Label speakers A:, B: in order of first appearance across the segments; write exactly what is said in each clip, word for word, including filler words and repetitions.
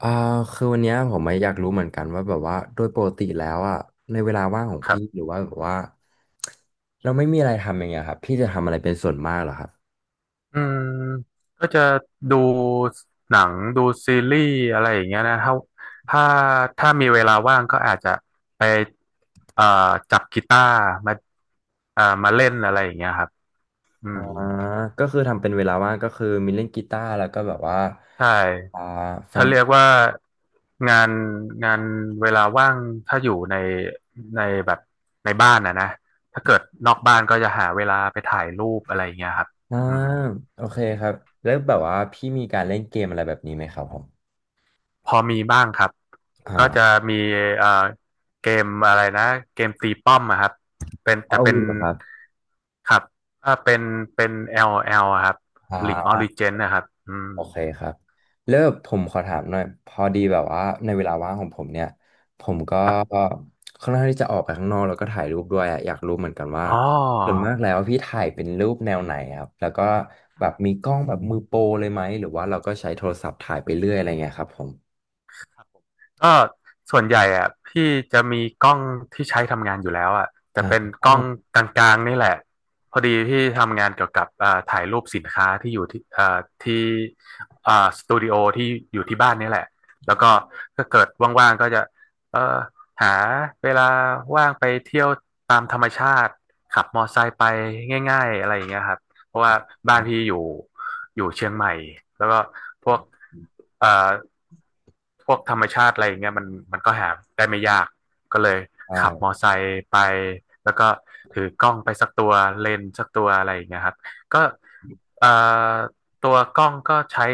A: อ่าคือวันเนี้ยผมไม่อยากรู้เหมือนกันว่าแบบว่าโดยปกติแล้วอ่ะในเวลาว่างของ
B: ครั
A: พี่
B: บ
A: หรือว่าแบบว่าเราไม่มีอะไรทำอย่างเงี้ยครับพี่จะทำอะไรเป็นส่วนมากเหรอครับ
B: อืมก็จะดูหนังดูซีรีส์อะไรอย่างเงี้ยนะถ้าถ้าถ้ามีเวลาว่างก็อาจจะไปเอ่อจับกีตาร์มาเอ่อมาเล่นอะไรอย่างเงี้ยครับอื
A: อ่า
B: ม
A: ก็คือทำเป็นเวลาว่างก็คือมีเล่นกีตาร์แล้วก็แบบว่า
B: ใช่
A: อ่าฟั
B: ถ้า
A: ง
B: เรียกว่างานงานเวลาว่างถ้าอยู่ในในแบบในบ้านนะนะถ้าเกิดนอกบ้านก็จะหาเวลาไปถ่ายรูปอะไรอย่างเงี้ยครับ
A: อ่า
B: อืม
A: โอเคครับแล้วแบบว่าพี่มีการเล่นเกมอะไรแบบนี้ไหมครับผม
B: พอมีบ้างครับก็จะ
A: อ่า
B: มีเอ่อเกมอะไรนะ เกมตีป้อมอะครับ เป็นแต่
A: เอา
B: เป็น
A: วีเหรอครับ
B: ครับถ้าเป็นเป็น l l อแอลอะครับ
A: อ่
B: League of
A: า
B: Legends นะครับอืม
A: โอเคครับเลิกผมขอถามหน่อยพอดีแบบว่าในเวลาว่างของผมเนี่ยผมก็
B: ครับ
A: ค่อนข้างที่จะออกไปข้างนอกแล้วก็ถ่ายรูปด้วยอะอยากรู้เหมือนกันว่า
B: อ๋อ
A: ส่วนมากแล้วพี่ถ่ายเป็นรูปแนวไหนครับแล้วก็แบบมีกล้องแบบมือโปรเลยไหมหรือว่าเราก็ใช้โทรศัพท์ถ่ายไปเรื่อยอะไรเงี้ยครับผม
B: ก็ส่วนใหญ่อะพี่จะมีกล้องที่ใช้ทำงานอยู่แล้วอะแต่
A: อ่า
B: เป็น
A: ใช่
B: กล้องกลางๆนี่แหละพอดีพี่ทำงานเกี่ยวกับเอ่อถ่ายรูปสินค้าที่อยู่ที่เอ่อที่เอ่อสตูดิโอที่อยู่ที่บ้านนี่แหละแล้วก็ก็เกิดว่างๆก็จะเอ่อหาเวลาว่างไปเที่ยวตามธรรมชาติขับมอไซค์ไปง่ายๆอะไรอย่างเงี้ยครับ เพราะว่าบ้าน
A: ครั
B: พี่
A: บ
B: อยู่อยู่เชียงใหม่แล้วก็พวกเอ่อพวกธรรมชาติอะไรอย่างเงี้ยมันมันก็หาได้ไม่ยากก็เลยขับมอ
A: ใช่
B: ไซค์ไปแล้วก็ถือกล้องไปสักตัวเลนส์สักตัวอะไรอย่างเงี้ยครับก็เอ่อตัวกล้องก็ใช้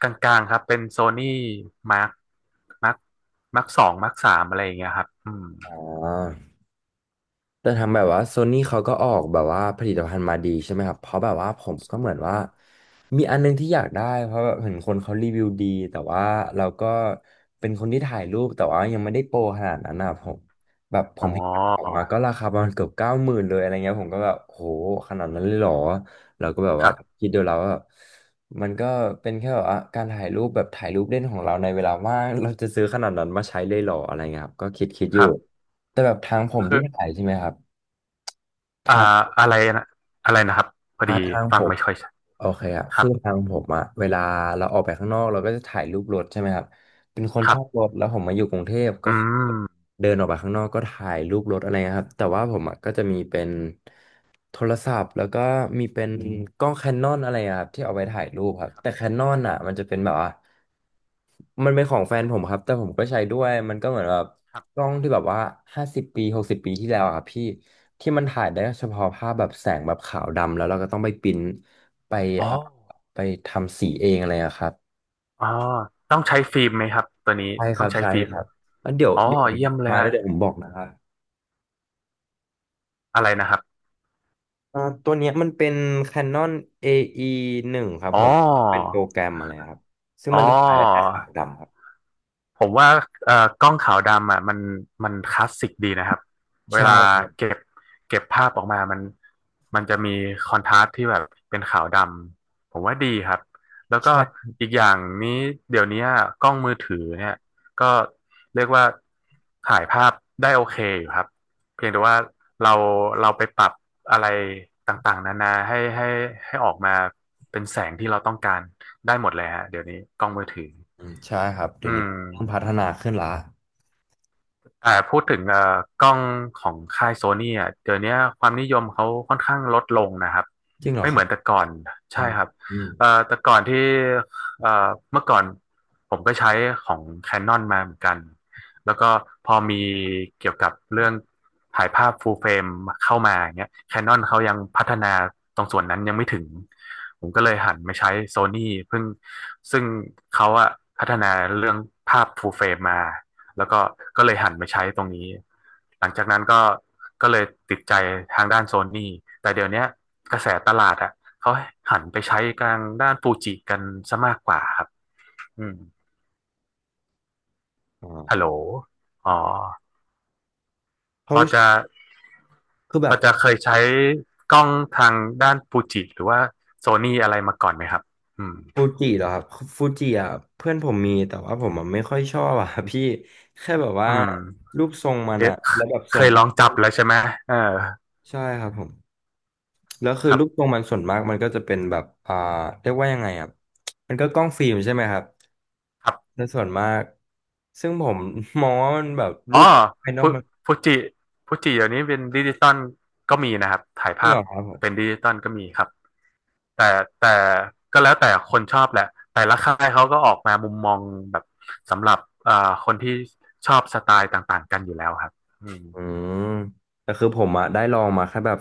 B: กลางๆครับเป็นโซนี่มาร์คมาร์คมาร์คสองมาร์คสามอะไรอย่างเงี้ยครับอืม
A: อ่า แต่ทางแบบว่าโซนี่เขาก็ออกแบบว่าผลิตภัณฑ์มาดีใช่ไหมครับเพราะแบบว่าผมก็เหมือนว่ามีอันนึงที่อยากได้เพราะแบบเห็นคนเขารีวิวดีแต่ว่าเราก็เป็นคนที่ถ่ายรูปแต่ว่ายังไม่ได้โปรขนาดนั้นนะผมแบบผ
B: อ๋อ
A: มเห็นมันออกมาก็ราคาประมาณเกือบเก้าหมื่นเลยอะไรเงี้ยผมก็แบบโหขนาดนั้นเลยเหรอเราก็แบบ
B: ค
A: ว่า
B: รับ
A: คิดดูแล้วว่าแบบมันก็เป็นแค่แบบว่าการถ่ายรูปแบบถ่ายรูปเล่นของเราในเวลาว่างเราจะซื้อขนาดนั้นมาใช้เลยเหรออะไรเงี้ยครับก็คิดคิดอ
B: ค
A: ยู่
B: รับ
A: แต่แบบทางผม
B: คื
A: ที่
B: อ
A: ถ่ายใช่ไหมครับ ค
B: อ่า
A: รับ
B: อะไรนะอะไรนะครับพอ
A: อ่า
B: ดี
A: ทางผ
B: ฟัง
A: ม
B: ไม่ค่อยชัด
A: โอเคครับ
B: ครั
A: คือ
B: บ
A: ทางผมอะเวลาเราออกไปข้างนอกเราก็จะถ่ายรูปรถใช่ไหมครับ เป็นคน
B: ค
A: ช
B: รับ
A: อบรถแล้วผมมาอยู่กรุงเทพก็
B: อื
A: คือ
B: ม
A: เดินออกไปข้างนอกก็ถ่ายรูปรถอะไรเงี้ยครับแต่ว่าผมอะก็จะมีเป็นโทรศัพท์แล้วก็มีเป็นอืมกล้องแคนนอนอะไรอะครับที่เอาไว้ถ่ายรูปครับแต่แคนนอนอ่ะมันจะเป็นแบบว่ามันเป็นของแฟนผมครับแต่ผมก็ใช้ด้วยมันก็เหมือนแบบ
B: ครับ
A: กล้องที่แบบว่าห้าสิบปีหกสิบปีที่แล้วอะครับพี่ที่มันถ่ายได้เฉพาะภาพแบบแสงแบบขาวดำแล้วเราก็ต้องไปปริ้นไป
B: อ๋อ
A: อ่ะไปทำสีเองอะไรอะครับ
B: อ๋อต้องใช้ฟิล์มไหมครับตัวนี้
A: ใช่ค
B: ต้อ
A: รั
B: ง
A: บ
B: ใช้
A: ใช่
B: ฟิล์ม
A: ครับงั้นเดี๋ยว
B: อ๋อ
A: เดี๋ยว
B: เยี่ยมเลย
A: มาแล้
B: ฮะ
A: วเดี๋ยวผมบอกนะครับ
B: อะไรนะครับ
A: อ่าตัวเนี้ยมันเป็น Canon เอ อี วันครับ
B: อ๋อ
A: ผมเป็นโปรแกรมอะไรครับซึ่ง
B: อ๋อ
A: มันจะถ่ายได้แค่ขาวดำครับ
B: ผมว่าเอ่อกล้องขาวดำอ่ะมันมันคลาสสิกดีนะครับเว
A: ใช่
B: ลา
A: ครับ
B: เก็บเก็บภาพออกมามันมันจะมีคอนทราสต์ที่แบบเป็นขาวดำผมว่าดีครับแล้วก็
A: ใช่
B: อีกอย่างนี้เดี๋ยวนี้กล้องมือถือเนี่ยก็เรียกว่าถ่ายภาพได้โอเคอยู่ครับเพียงแต่ว่าเราเราไปปรับอะไรต่างๆนานาให้ให้ให้ออกมาเป็นแสงที่เราต้องการได้หมดเลยฮะเดี๋ยวนี้กล้องมือถือ
A: อืมใช่ครับเดี๋
B: อื
A: ยวนี้
B: ม
A: เริ่มพัฒนาขึ้นละ
B: อ่าพูดถึงเอ่อกล้องของค่ายโซนี่อ่ะเดี๋ยวนี้ความนิยมเขาค่อนข้างลดลงนะครับ
A: จริงเหรอ
B: ไม่
A: ค
B: เหมื
A: รับ
B: อนแต่ก่อน
A: อื
B: ใช่
A: ม
B: ครับ
A: อืม
B: เอ่อแต่ก่อนที่เอ่อเมื่อก่อนผมก็ใช้ของแค n น n นมาเหมือนกันแล้วก็พอมีเกี่ยวกับเรื่องถ่ายภาพฟูลเฟรมเข้ามาอย่างเงี้ยแคนนอนเขายังพัฒนาตรงส่วนนั้นยังไม่ถึงผมก็เลยหันมาใช้โซนี่เพิ่งซึ่งเขาอะพัฒนาเรื่องภาพฟูลเฟรมมา แล้วก็ก็เลยหันมาใช้ตรงนี้ หลังจากนั้นก็ก็เลยติดใจทางด้านโซนี่แต่เดี๋ยวเนี้ยกระแสตลาดอ่ะเขาหันไปใช้กลางด้านฟูจิกันซะมากกว่าครับอืมฮัลโห
A: อ่า
B: ลอ๋อ
A: เพ
B: พ
A: ราะ
B: อจะ
A: คือแบ
B: พอ
A: บ
B: จะเคยใช้กล้องทางด้านฟูจิหรือว่าโซนี่อะไรมาก่อนไหมครับ อืม
A: ฟูจิเหรอครับฟูจิอ่ะเพื่อนผมมีแต่ว่าผมอ่ะไม่ค่อยชอบอ่ะ พี่แค่แบบว่า
B: อืม
A: รูปทรงมั
B: เค
A: น
B: ย
A: อ่ะแล้วแบบส่
B: เค
A: วน
B: ยล
A: มา
B: อ
A: ก
B: งจับแล้วใช่ไหมเออ
A: ใช่ครับผม แล้วคือ
B: ครั
A: รูปทร
B: บ
A: งมันส่วนมากมันก็จะเป็นแบบอ่าเรียกว่ายังไงอ่ะมันก็กล้องฟิล์มใช่ไหมครับ
B: ครับ
A: ในส่วนมาก ซึ่งผม มองว่ามันแบบ
B: อ๋
A: รู
B: อ
A: ปภายนอ
B: ฟู
A: กมัน
B: ฟูจิฟูจิเดี๋ยวนี้เป็นดิจิตอลก็มีนะครับถ่าย
A: จริง
B: ภา
A: เห
B: พ
A: รอครับ
B: เป็นดิจิตอลก็มีครับแต่แต่ก็แล้วแต่คนชอบแหละแต่ละค่ายเขาก็ออกมามุมมองแบบสำหรับเอ่อคนที่ชอบสไตล์ต่างๆกันอยู่แล้วครับอืม
A: อืมแต่คือผมอะได้ลองมาแค่แบบ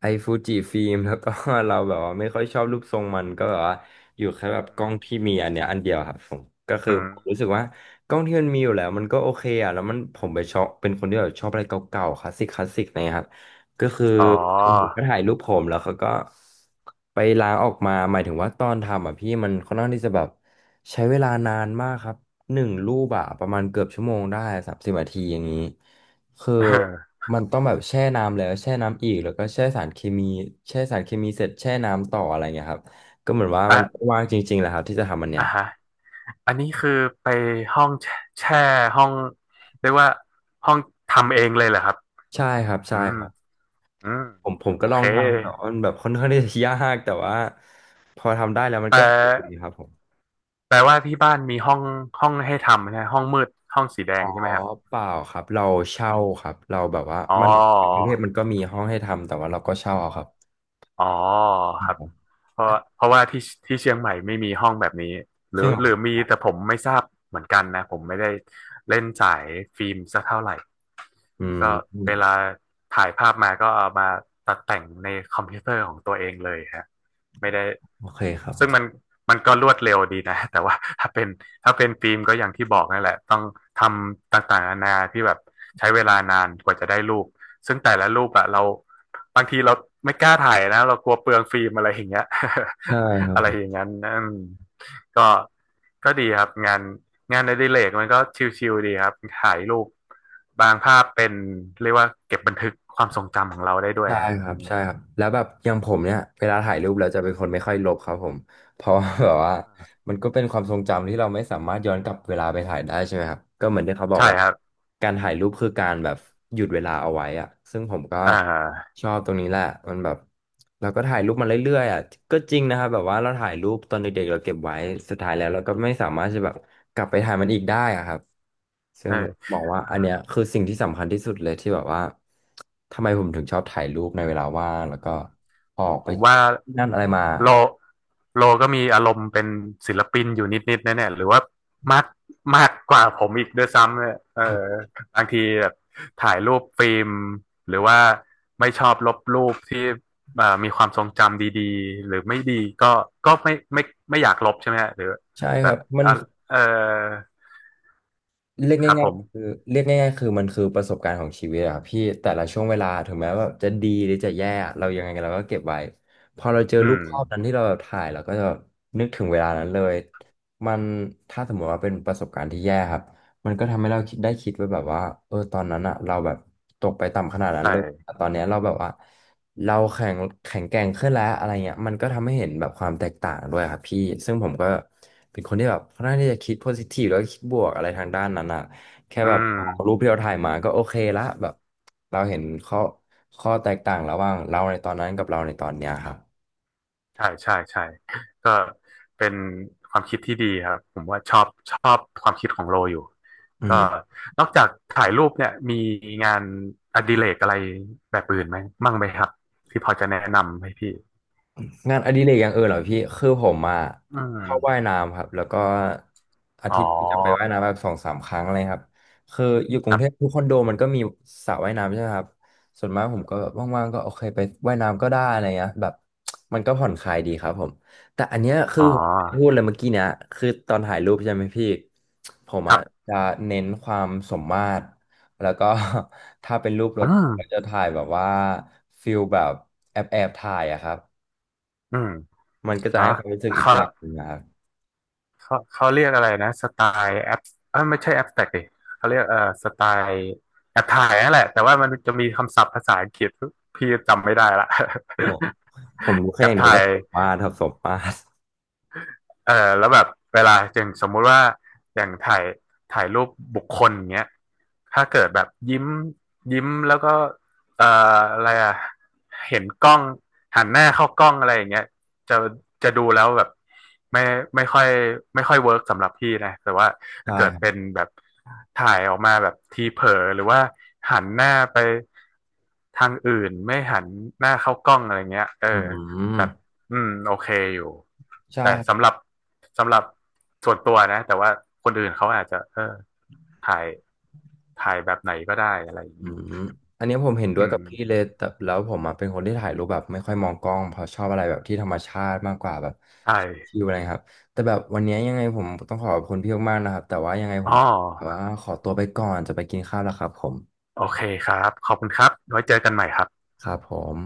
A: ไอฟูจิฟิล์มแล้วก็ เราแบบว่าไม่ค่อยชอบรูปทรงมันก็แบบว่าอยู่แค่แบบ
B: อื
A: กล้อง
B: ม
A: ที่มีอันเนี้ยอันเดียวครับผมก็คื
B: อื
A: อ
B: ม
A: ผมรู้สึกว่ากล้องที่มันมีอยู่แล้วมันก็โอเคอะแล้วมันผมไปชอบเป็นคนที่แบบชอบอะไรเก่าๆคลาสสิกคลาสสิกนะครับก็คือ
B: อ๋อ
A: ผมก็ถ่ายรูปผมแล้วเขาก็ไปล้างออกมาหมายถึงว่าตอนทำอ่ะพี่มันค่อนข้างที่จะแบบใช้เวลานานมากครับหนึ่งรูปอะประมาณเกือบชั่วโมงได้สามสิบนาทีอย่างนี้ คือ มันต้องแบบแช่น้ำแล้วแช่น้ำอีกแล้วก็แช่สารเคมีแช่สารเคมีเสร็จแช่น้ำต่ออะไรเงี้ยครับก็เหมือนว่า
B: เออ
A: มัน
B: อ่ะ
A: ว่างจริงๆแหละครับที่จะทำมันเนี่
B: อ่ะ
A: ย
B: ฮะอันนี้คือไปห้องแชแช่ห้องเรียกว่าห้องทำเองเลยเหรอครับ
A: ใช่ครับ
B: อื
A: ใช่
B: ม
A: ครับ
B: อืม
A: ผมผม
B: โอ
A: ก็ลอ
B: เค
A: งทำแต่ว่ามันแบบค่อนข้างที่จะยากแต่ว่าพอทำได้แล้วมัน
B: แต่
A: ก็สนุกดีครับผม
B: แปลว่าที่บ้านมีห้องห้องให้ทำนะห้องมืดห้องสีแด
A: อ๋
B: ง
A: อ
B: ใช่ไหมครับ
A: เปล่าครับเราเช่าครับเราแบบว่า
B: อ๋อ
A: มันกรุงเทพมันก็มีห้องให้ทำแต่ว่าเราก็เช่าเอาครับ
B: อ๋อ
A: อื
B: ครับ
A: ม
B: เพราะเพราะว่าที่ที่เชียงใหม่ไม่มีห้องแบบนี้หรื
A: จ
B: อ
A: ริงเหรอ
B: ห
A: ค
B: รือมี
A: รับ
B: แต่ผมไม่ทราบเหมือนกันนะผมไม่ได้เล่นสายฟิล์มสักเท่าไหร่
A: อืม
B: ก็
A: อืม
B: เวลาถ่ายภาพมาก็เอามาตัดแต่งในคอมพิวเตอร์ของตัวเองเลยฮะไม่ได้
A: โอเคครับผ
B: ซึ่งมั
A: ม
B: นมันก็รวดเร็วดีนะ แต่ว่าถ้าเป็นถ้าเป็นฟิล์มก็อย่างที่บอกนั่นแหละต้องทำต่างๆนานาที่แบบใช้เวลานานกว่าจะได้รูปซึ่งแต่ละรูปอะเราบางทีเราไม่กล้าถ่ายนะเรากลัวเปลืองฟิล์มอะไรอย่างเงี้ย
A: ใช่ครั
B: อะไร
A: บ
B: อย่างนั้นอืมก็ก็ดีครับงาน งานอดิเรกมันก็ชิลๆดีครับถ่ายรูปบางภาพเป็นเรียกว่าเก็บบันทึกความทรงจำของเราได้ด้วย
A: ใช่
B: ฮะ
A: ค
B: อื
A: รับ
B: ม
A: ใช่ครับแล้วแบบอย่างผมเนี่ยเวลาถ่ายรูปเราจะเป็นคนไม่ค่อยลบครับผม เพราะว่าแบบว่ามันก็เป็นความทรงจำที่เราไม่สามารถย้อนกลับเวลาไปถ่ายได้ใช่ไหมครับก็เหมือนที่เขาบอก
B: ใช่
A: ว่า
B: ครับ
A: การถ่ายรูปคือการแบบหยุดเวลาเอาไว้อะซึ่งผมก็
B: อ่า
A: ชอบตรงนี้แหละมันแบบเราก็ถ่ายรูปมาเรื่อยๆอ่ะก็จริงนะครับแบบว่าเราถ่ายรูปตอนเด็กๆเราเก็บไว้สุดท้ายแล้วเราก็ไม่สามารถจะแบบกลับไปถ่ายมันอีกได้อะครับ
B: เออ
A: บอกว่าอันเนี้ยคือสิ่งที่สำคัญที่สุดเลยที่แบบว่าทำไมผมถึงชอบถ่ายรูปในเวลาว่างแล้วก็ออก
B: ผ
A: ไป
B: ม
A: เจอ
B: ว่า
A: ที่นั่นอะไรมา
B: โลโลก็มีอารมณ์เป็นศิลปินอยู่นิดๆแน่ๆหรือว่ามากมากกว่าผมอีกด้วยซ้ำเนี่ยเออบางทีแบบถ่ายรูปฟิล์มหรือว่าไม่ชอบลบรูปที่เอ่อมีความทรงจำดีๆหรือไม่ดีก็ก็ไม่ไม่ไม่อยากลบใช่ไหมฮะหรือ
A: ใช่
B: แบ
A: ครั
B: บ
A: บมัน
B: อ่ะเออ
A: เรียก
B: ครับผ
A: ง่ายๆคือ
B: ม
A: เรียกง่ายๆคือมันคือประสบการณ์ของชีวิตอะครับพี่แต่ละช่วงเวลาถึงแม้ว่าจะดีหรือจะแย่เรายังไงเราก็เก็บไว้พอเราเจอ
B: อื
A: รูป
B: ม
A: ภาพนั้นที่เราถ่ายเราก็จะแบบนึกถึงเวลานั้นเลยมันถ้าสมมติว่าเป็นประสบการณ์ที่แย่ครับมันก็ทำให้เราคิดได้คิดไว้แบบว่าเออตอนนั้นอะเราแบบตกไปต่ำขนาดนั้น
B: ใช่
A: เลยแต่ตอนเนี้ยเราแบบว่า เราแข็งแข็งแกร่งขึ้นแล้วอะไรเงี้ยมันก็ทำให้เห็นแบบความแตกต่างด้วยครับพี่ซึ่งผมก็เป็นคนที่แบบค่อนข้างที่จะคิดโพซิทีฟแล้วก็คิดบวกอะไรทางด้านนั้นอะแค่
B: อื
A: แบบรูป
B: ม
A: ที่เราถ่ายมาก็โอเคละแบบเราเห็นข้อข้อแตกต่างระหว่างเราในตอนนั้นกับเราในตอนเนี้ยครับ
B: ใช่ใช่ใช่ก็เป็นความคิดที่ดีครับผมว่าชอบชอบความคิดของโลอยู่
A: อื
B: ก็
A: ม
B: นอกจากถ่ายรูปเนี่ยมีงานอดิเรกอะไรแบบอื่นไหมมั่งไหมครับที่พอจะแนะนำให้พี่
A: งานอดิเรกอย่างอื่นเหรอพี่คือผมอ่ะ
B: อื
A: ชอบว่าย
B: ม
A: น้ำครับแล้วก็อา
B: อ๋อ
A: ทิตย์หนึ่งจะไปว่ายน้ำแบบสองสามครั้งอะไรครับคืออยู่ก
B: ค
A: รุง
B: รั
A: เทพ
B: บ
A: ทุกคอนโดมันก็มีสระว่ายน้ำใช่ไหมครับส่วนมากผมก็แบบว่างๆก็โอเคไปว่ายน้ำก็ได้อะไรเงี้ยแบบมันก็ผ่อนคลายดีครับผมแต่อันเนี้ยคือ
B: อ๋อ
A: ผมพูดเลยเมื่อกี้เนี้ยคือตอนถ่ายรูปใช่ไหมพี่ผม
B: ค
A: อ่ะ
B: รับ
A: จะเน้นความสมมาตรแล้วก็ ถ้าเป็นรูปร
B: อื
A: ถผมก็
B: ม
A: จะถ่ายแบบว่าฟิลแบบแอบแอบถ่ายอะครับ
B: อืม
A: มันก็จะ
B: อ๋อ
A: ให้ความรู้สึกอีก
B: เขา
A: แบบหนึ่งนะครับ
B: เขาเขาเรียกอะไรนะสไตล์แอปเอยไม่ใช่แอปแตกดิเขาเรียกเอ่อสไตล์แอปถ่ายนั่นแหละแต่ว่ามันจะมีคำศัพท์ภาษาอังกฤษพี่จำไม่ได้ละ
A: ผมผมรู้ แค่
B: แอ
A: อ
B: ป
A: ย่างเดียว
B: ถ่าย
A: ว่าสมมาตรครับสมมาตร
B: เออแล้วแบบเวลาอย่างสมมุติว่าอย่างถ่ายถ่ายรูปบุคคลอย่างเงี้ยถ้าเกิดแบบยิ้มยิ้มแล้วก็เอ่ออะไรอ่ะเห็นกล้องหันหน้าเข้ากล้องอะไรอย่างเงี้ยจะจะดูแล้วแบบไม่ไม่ค่อยไม่ค่อยเวิร์กสำหรับพี่นะแต่ว่าถ้า
A: ใช่
B: เกิด
A: ครับ
B: เป็นแบบถ่ายออกมาแบบทีเผลอหรือว่าหันหน้าไปทางอื่นไม่หันหน้าเข้ากล้องอะไรเงี้ยเออ
A: อืม
B: แบบอืมโอเคอยู่
A: ใช่
B: แต่
A: ครับ
B: สำหรับ สำหรับส่วนตัวนะแต่ว่าคนอื่นเขาอาจจะเออถ่ายถ่ายแบบไหนก็ได้อะไรอย่าง
A: อื
B: นี้
A: มอันนี้ผมเห็นด้
B: อื
A: วยกับพี่เล
B: ม
A: ยแต่แล้วผมอะเป็นคนที่ถ่ายรูปแบบไม่ค่อยมองกล้องเพราะชอบอะไรแบบที่ธรรมชาติมากกว่าแบบ
B: ใช่
A: ชิลอะไรครับแต่แบบวันนี้ยังไงผมต้องขอบคุณพี่มากๆนะครับแต่ว่ายังไงผ
B: อ๋
A: ม
B: อ
A: แต่ว่าขอตัวไปก่อนจะไปกินข้าวแล้วครับผม
B: โอเคครับขอบคุณครับไว้เจอกันใหม่ครับ
A: ครับผม